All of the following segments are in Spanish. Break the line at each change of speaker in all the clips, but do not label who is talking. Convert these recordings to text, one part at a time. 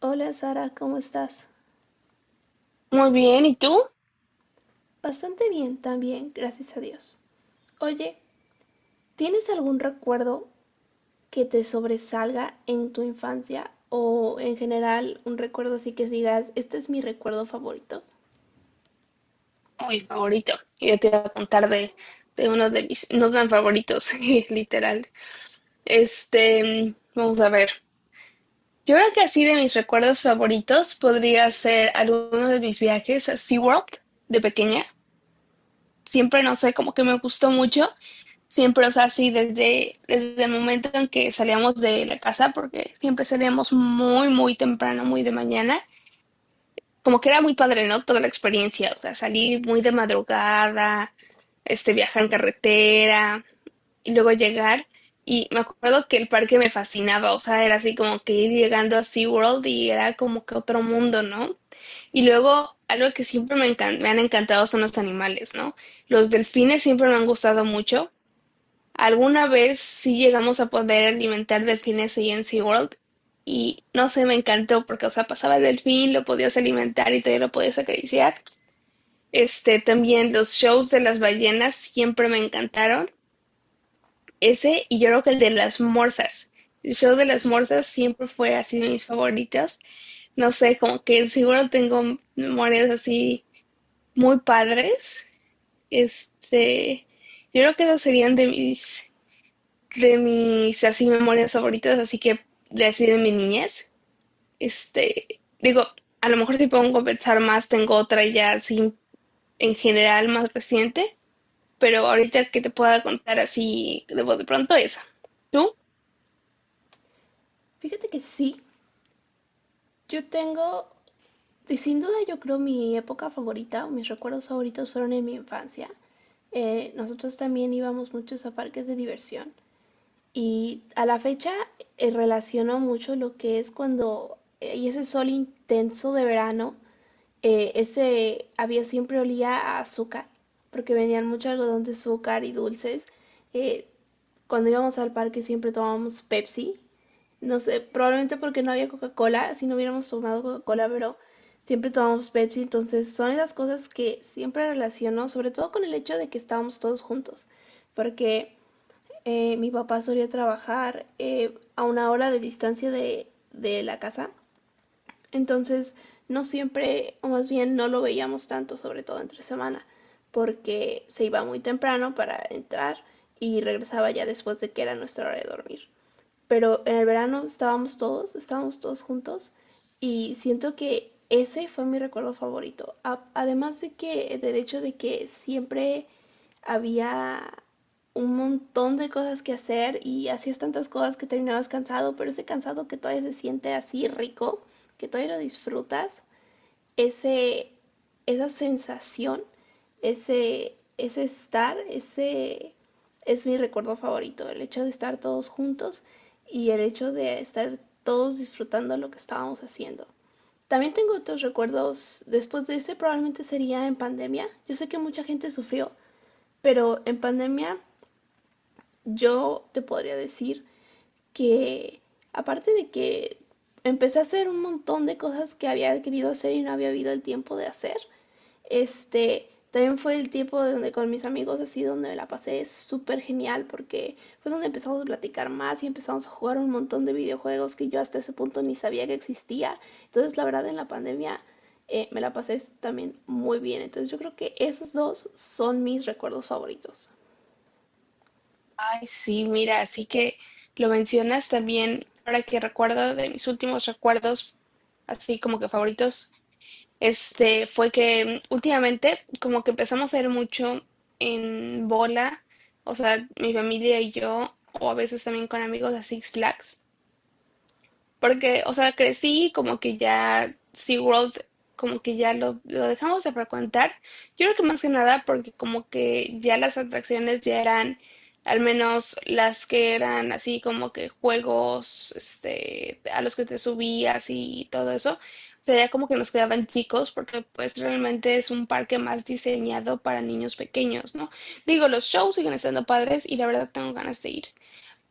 Hola Sara, ¿cómo estás?
Muy bien, ¿y tú?
Bastante bien también, gracias a Dios. Oye, ¿tienes algún recuerdo que te sobresalga en tu infancia o en general un recuerdo así que digas, este es mi recuerdo favorito?
Uy, favorito. Yo te iba a contar de uno de mis no tan favoritos, literal. Vamos a ver. Yo creo que así de mis recuerdos favoritos podría ser alguno de mis viajes a SeaWorld de pequeña. Siempre, no sé, como que me gustó mucho. Siempre, o sea, así desde el momento en que salíamos de la casa, porque siempre salíamos muy, muy temprano, muy de mañana. Como que era muy padre, ¿no? Toda la experiencia, o sea, salir muy de madrugada, viajar en carretera y luego llegar. Y me acuerdo que el parque me fascinaba, o sea, era así como que ir llegando a SeaWorld y era como que otro mundo, ¿no? Y luego, algo que siempre me han encantado son los animales, ¿no? Los delfines siempre me han gustado mucho. Alguna vez sí llegamos a poder alimentar delfines ahí en SeaWorld y no sé, me encantó porque, o sea, pasaba el delfín, lo podías alimentar y todavía lo podías acariciar. También los shows de las ballenas siempre me encantaron. Ese y yo creo que el de las morsas. El show de las morsas siempre fue así de mis favoritos. No sé, como que seguro tengo memorias así muy padres. Este, yo creo que esos serían de mis así memorias favoritas, así que de así de mi niñez. Digo, a lo mejor si pongo a pensar más, tengo otra ya así en general más reciente, pero ahorita que te pueda contar así de voz de pronto esa. ¿Tú?
Fíjate que sí, yo tengo, y sin duda yo creo mi época favorita o mis recuerdos favoritos fueron en mi infancia. Nosotros también íbamos muchos a parques de diversión y a la fecha relaciono mucho lo que es cuando hay ese sol intenso de verano, ese había siempre olía a azúcar, porque venían mucho algodón de azúcar y dulces. Eh, Cuando íbamos al parque siempre tomábamos Pepsi, no sé, probablemente porque no había Coca-Cola, si no hubiéramos tomado Coca-Cola, pero siempre tomamos Pepsi, entonces son esas cosas que siempre relaciono, sobre todo con el hecho de que estábamos todos juntos, porque mi papá solía trabajar a una hora de distancia de la casa, entonces no siempre, o más bien no lo veíamos tanto, sobre todo entre semana, porque se iba muy temprano para entrar y regresaba ya después de que era nuestra hora de dormir, pero en el verano estábamos todos juntos y siento que ese fue mi recuerdo favorito. Además de que, del hecho de que siempre había un montón de cosas que hacer y hacías tantas cosas que terminabas cansado, pero ese cansado que todavía se siente así rico, que todavía lo disfrutas, ese, esa sensación, ese estar, ese es mi recuerdo favorito, el hecho de estar todos juntos y el hecho de estar todos disfrutando lo que estábamos haciendo. También tengo otros recuerdos después de ese, probablemente sería en pandemia. Yo sé que mucha gente sufrió, pero en pandemia yo te podría decir que aparte de que empecé a hacer un montón de cosas que había querido hacer y no había habido el tiempo de hacer, este, también fue el tiempo donde con mis amigos así donde me la pasé súper genial porque fue donde empezamos a platicar más y empezamos a jugar un montón de videojuegos que yo hasta ese punto ni sabía que existía. Entonces, la verdad, en la pandemia me la pasé también muy bien. Entonces, yo creo que esos dos son mis recuerdos favoritos.
Ay, sí, mira, así que lo mencionas también, ahora que recuerdo de mis últimos recuerdos, así como que favoritos. Fue que últimamente como que empezamos a ir mucho en bola, o sea, mi familia y yo, o a veces también con amigos a Six Flags. Porque, o sea, crecí como que ya SeaWorld, como que ya lo dejamos de frecuentar. Yo creo que más que nada porque como que ya las atracciones ya eran, al menos las que eran así como que juegos, a los que te subías y todo eso, sería como que nos quedaban chicos porque pues realmente es un parque más diseñado para niños pequeños, ¿no? Digo, los shows siguen estando padres y la verdad tengo ganas de ir.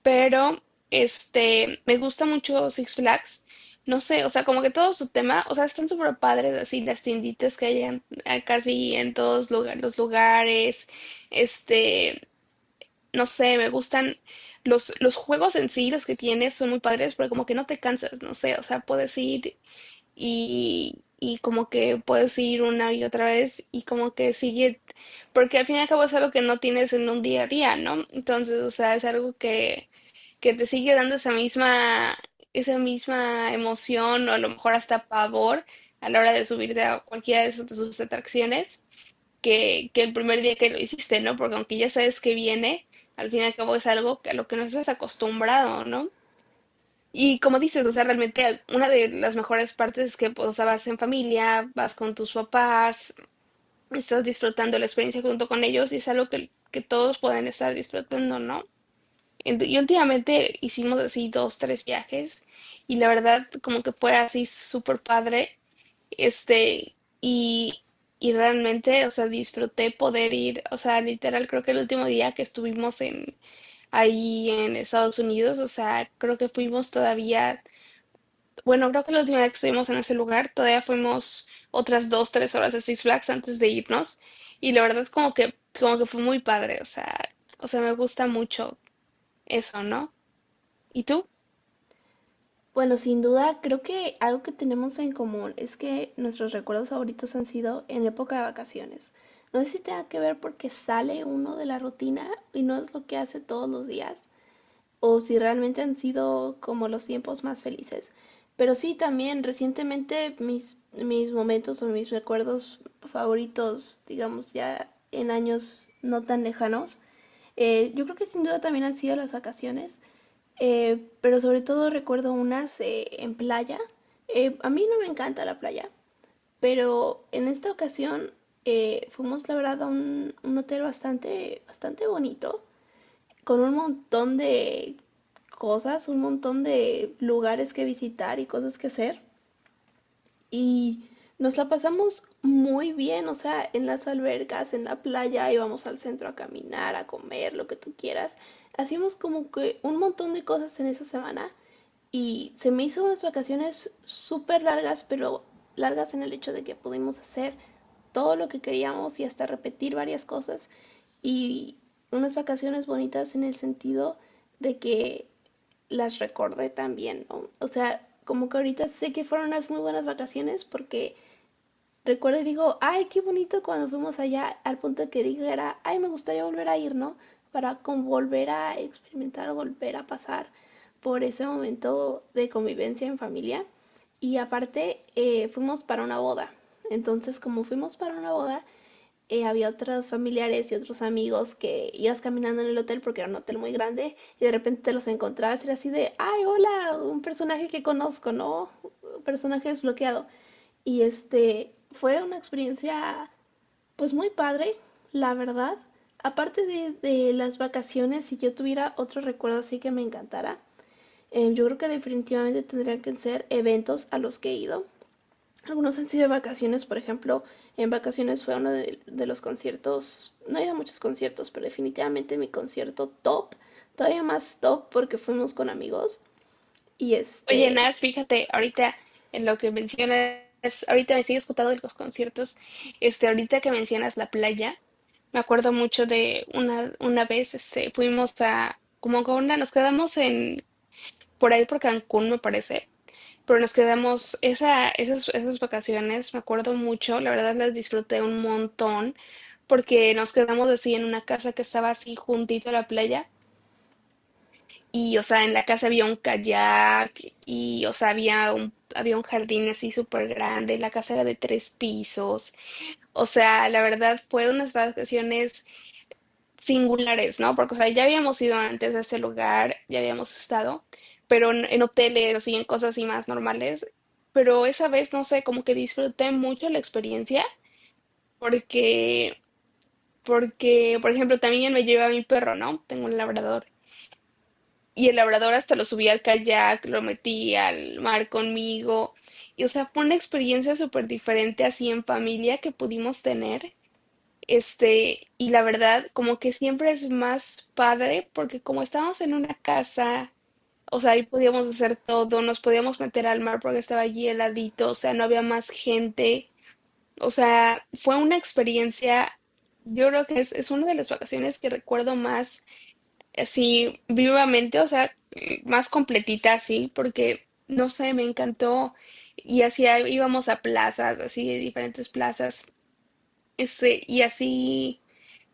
Pero, me gusta mucho Six Flags. No sé, o sea, como que todo su tema, o sea, están súper padres así las tienditas que hay casi en los lugares. Este, no sé, me gustan los juegos en sí, los que tienes son muy padres, pero como que no te cansas, no sé, o sea, puedes ir y como que puedes ir una y otra vez y como que sigue, porque al fin y al cabo es algo que no tienes en un día a día, ¿no? Entonces, o sea, es algo que te sigue dando esa misma emoción o a lo mejor hasta pavor a la hora de subirte a cualquiera de sus atracciones que el primer día que lo hiciste, ¿no? Porque aunque ya sabes que viene, al fin y al cabo es algo a lo que no estás acostumbrado, ¿no? Y como dices, o sea, realmente una de las mejores partes es que, pues, o sea, vas en familia, vas con tus papás, estás disfrutando la experiencia junto con ellos y es algo que todos pueden estar disfrutando, ¿no? Y últimamente hicimos así dos, tres viajes y la verdad como que fue así súper padre, este, y, y realmente, o sea, disfruté poder ir, o sea, literal creo que el último día que estuvimos ahí en Estados Unidos, o sea, creo que fuimos todavía, bueno, creo que la última vez que estuvimos en ese lugar todavía fuimos otras 2, 3 horas a Six Flags antes de irnos y la verdad como que fue muy padre, o sea, me gusta mucho eso, ¿no? ¿Y tú?
Bueno, sin duda, creo que algo que tenemos en común es que nuestros recuerdos favoritos han sido en época de vacaciones. No sé si tenga que ver porque sale uno de la rutina y no es lo que hace todos los días, o si realmente han sido como los tiempos más felices. Pero sí, también recientemente mis momentos o mis recuerdos favoritos, digamos ya en años no tan lejanos, yo creo que sin duda también han sido las vacaciones. Pero sobre todo recuerdo unas en playa. A mí no me encanta la playa, pero en esta ocasión fuimos, la verdad, a un hotel bastante, bastante bonito, con un montón de cosas, un montón de lugares que visitar y cosas que hacer. Y nos la pasamos muy bien, o sea, en las albercas, en la playa, íbamos al centro a caminar, a comer, lo que tú quieras. Hacíamos como que un montón de cosas en esa semana y se me hizo unas vacaciones súper largas, pero largas en el hecho de que pudimos hacer todo lo que queríamos y hasta repetir varias cosas. Y unas vacaciones bonitas en el sentido de que las recordé también, ¿no? O sea, como que ahorita sé que fueron unas muy buenas vacaciones porque recuerdo y digo, ay, qué bonito cuando fuimos allá, al punto de que dijera, ay, me gustaría volver a ir, ¿no? Para con volver a experimentar, volver a pasar por ese momento de convivencia en familia. Y aparte, fuimos para una boda. Entonces, como fuimos para una boda, había otros familiares y otros amigos que ibas caminando en el hotel porque era un hotel muy grande y de repente te los encontrabas y era así de, ay, hola, un personaje que conozco, ¿no? Un personaje desbloqueado. Y este fue una experiencia pues muy padre, la verdad. Aparte de las vacaciones, si yo tuviera otro recuerdo así que me encantara, yo creo que definitivamente tendrían que ser eventos a los que he ido. Algunos han sido de vacaciones, por ejemplo, en vacaciones fue uno de los conciertos, no he ido a muchos conciertos, pero definitivamente mi concierto top, todavía más top porque fuimos con amigos. Y
Oye,
este,
Nas, fíjate, ahorita en lo que mencionas, ahorita me sigues contando de los conciertos, ahorita que mencionas la playa, me acuerdo mucho de una vez, fuimos a, como con una, nos quedamos en, por ahí por Cancún, me parece, pero nos quedamos, esas vacaciones, me acuerdo mucho, la verdad las disfruté un montón, porque nos quedamos así en una casa que estaba así juntito a la playa, y, o sea, en la casa había un kayak y, o sea, había había un jardín así súper grande, la casa era de tres pisos. O sea, la verdad fue unas vacaciones singulares, ¿no? Porque, o sea, ya habíamos ido antes a ese lugar, ya habíamos estado, pero en hoteles, así, en cosas así más normales. Pero esa vez, no sé, como que disfruté mucho la experiencia porque, porque, por ejemplo, también me llevé a mi perro, ¿no? Tengo un labrador. Y el labrador hasta lo subí al kayak, lo metí al mar conmigo. Y, o sea, fue una experiencia súper diferente así en familia que pudimos tener. Y la verdad, como que siempre es más padre porque como estábamos en una casa, o sea, ahí podíamos hacer todo, nos podíamos meter al mar porque estaba allí heladito, o sea, no había más gente. O sea, fue una experiencia, yo creo que es una de las vacaciones que recuerdo más así vivamente, o sea, más completita así, porque no sé, me encantó. Y así íbamos a plazas, así de diferentes plazas, y así,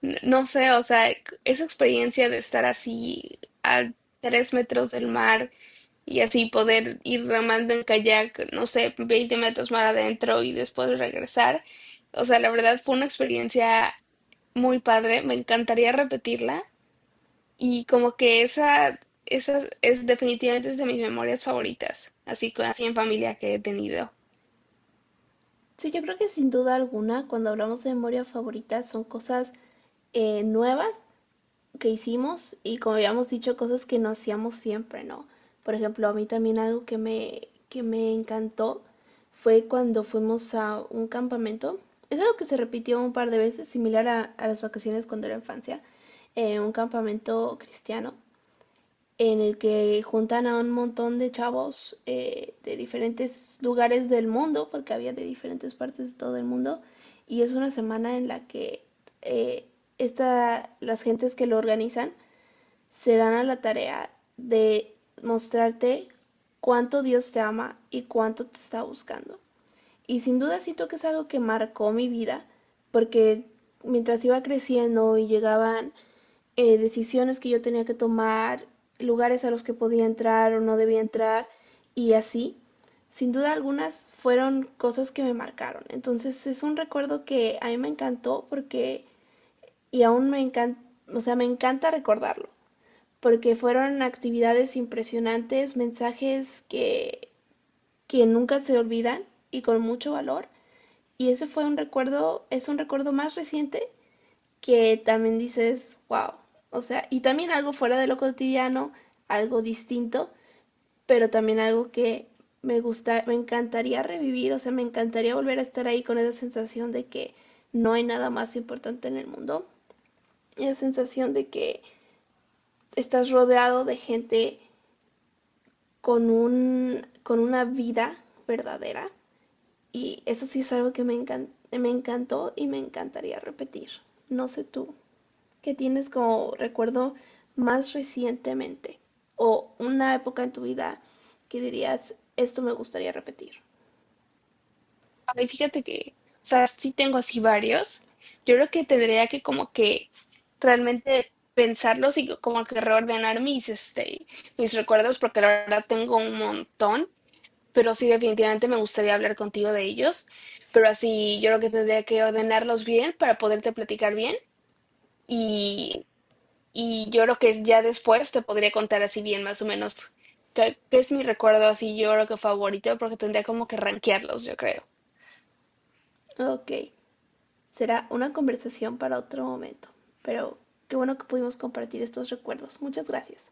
no sé, o sea, esa experiencia de estar así a 3 metros del mar y así poder ir remando en kayak, no sé, 20 metros más adentro y después regresar. O sea, la verdad fue una experiencia muy padre, me encantaría repetirla. Y como que esa es definitivamente es de mis memorias favoritas, así con así en familia que he tenido.
sí, yo creo que sin duda alguna, cuando hablamos de memoria favorita, son cosas nuevas que hicimos y como habíamos dicho, cosas que no hacíamos siempre, ¿no? Por ejemplo, a mí también algo que que me encantó fue cuando fuimos a un campamento. Es algo que se repitió un par de veces, similar a las vacaciones cuando era infancia, un campamento cristiano en el que juntan a un montón de chavos de diferentes lugares del mundo, porque había de diferentes partes de todo el mundo, y es una semana en la que eh, las gentes que lo organizan se dan a la tarea de mostrarte cuánto Dios te ama y cuánto te está buscando. Y sin duda siento que es algo que marcó mi vida, porque mientras iba creciendo y llegaban decisiones que yo tenía que tomar, lugares a los que podía entrar o no debía entrar y así. Sin duda algunas fueron cosas que me marcaron. Entonces es un recuerdo que a mí me encantó porque y aún me encanta, o sea, me encanta recordarlo, porque fueron actividades impresionantes, mensajes que nunca se olvidan y con mucho valor. Y ese fue un recuerdo, es un recuerdo más reciente que también dices, wow, o sea, y también algo fuera de lo cotidiano, algo distinto, pero también algo que me gusta, me encantaría revivir, o sea, me encantaría volver a estar ahí con esa sensación de que no hay nada más importante en el mundo, esa sensación de que estás rodeado de gente con un con una vida verdadera y eso sí es algo que me encantó y me encantaría repetir. No sé tú. ¿Que tienes como recuerdo más recientemente? O una época en tu vida que dirías, esto me gustaría repetir.
Ay, fíjate que, o sea, sí tengo así varios. Yo creo que tendría que como que realmente pensarlos y como que reordenar mis recuerdos, porque la verdad tengo un montón, pero sí definitivamente me gustaría hablar contigo de ellos. Pero así yo creo que tendría que ordenarlos bien para poderte platicar bien. y Y yo creo que ya después te podría contar así bien más o menos qué es mi recuerdo así, yo creo que favorito, porque tendría como que rankearlos, yo creo.
Ok, será una conversación para otro momento, pero qué bueno que pudimos compartir estos recuerdos. Muchas gracias.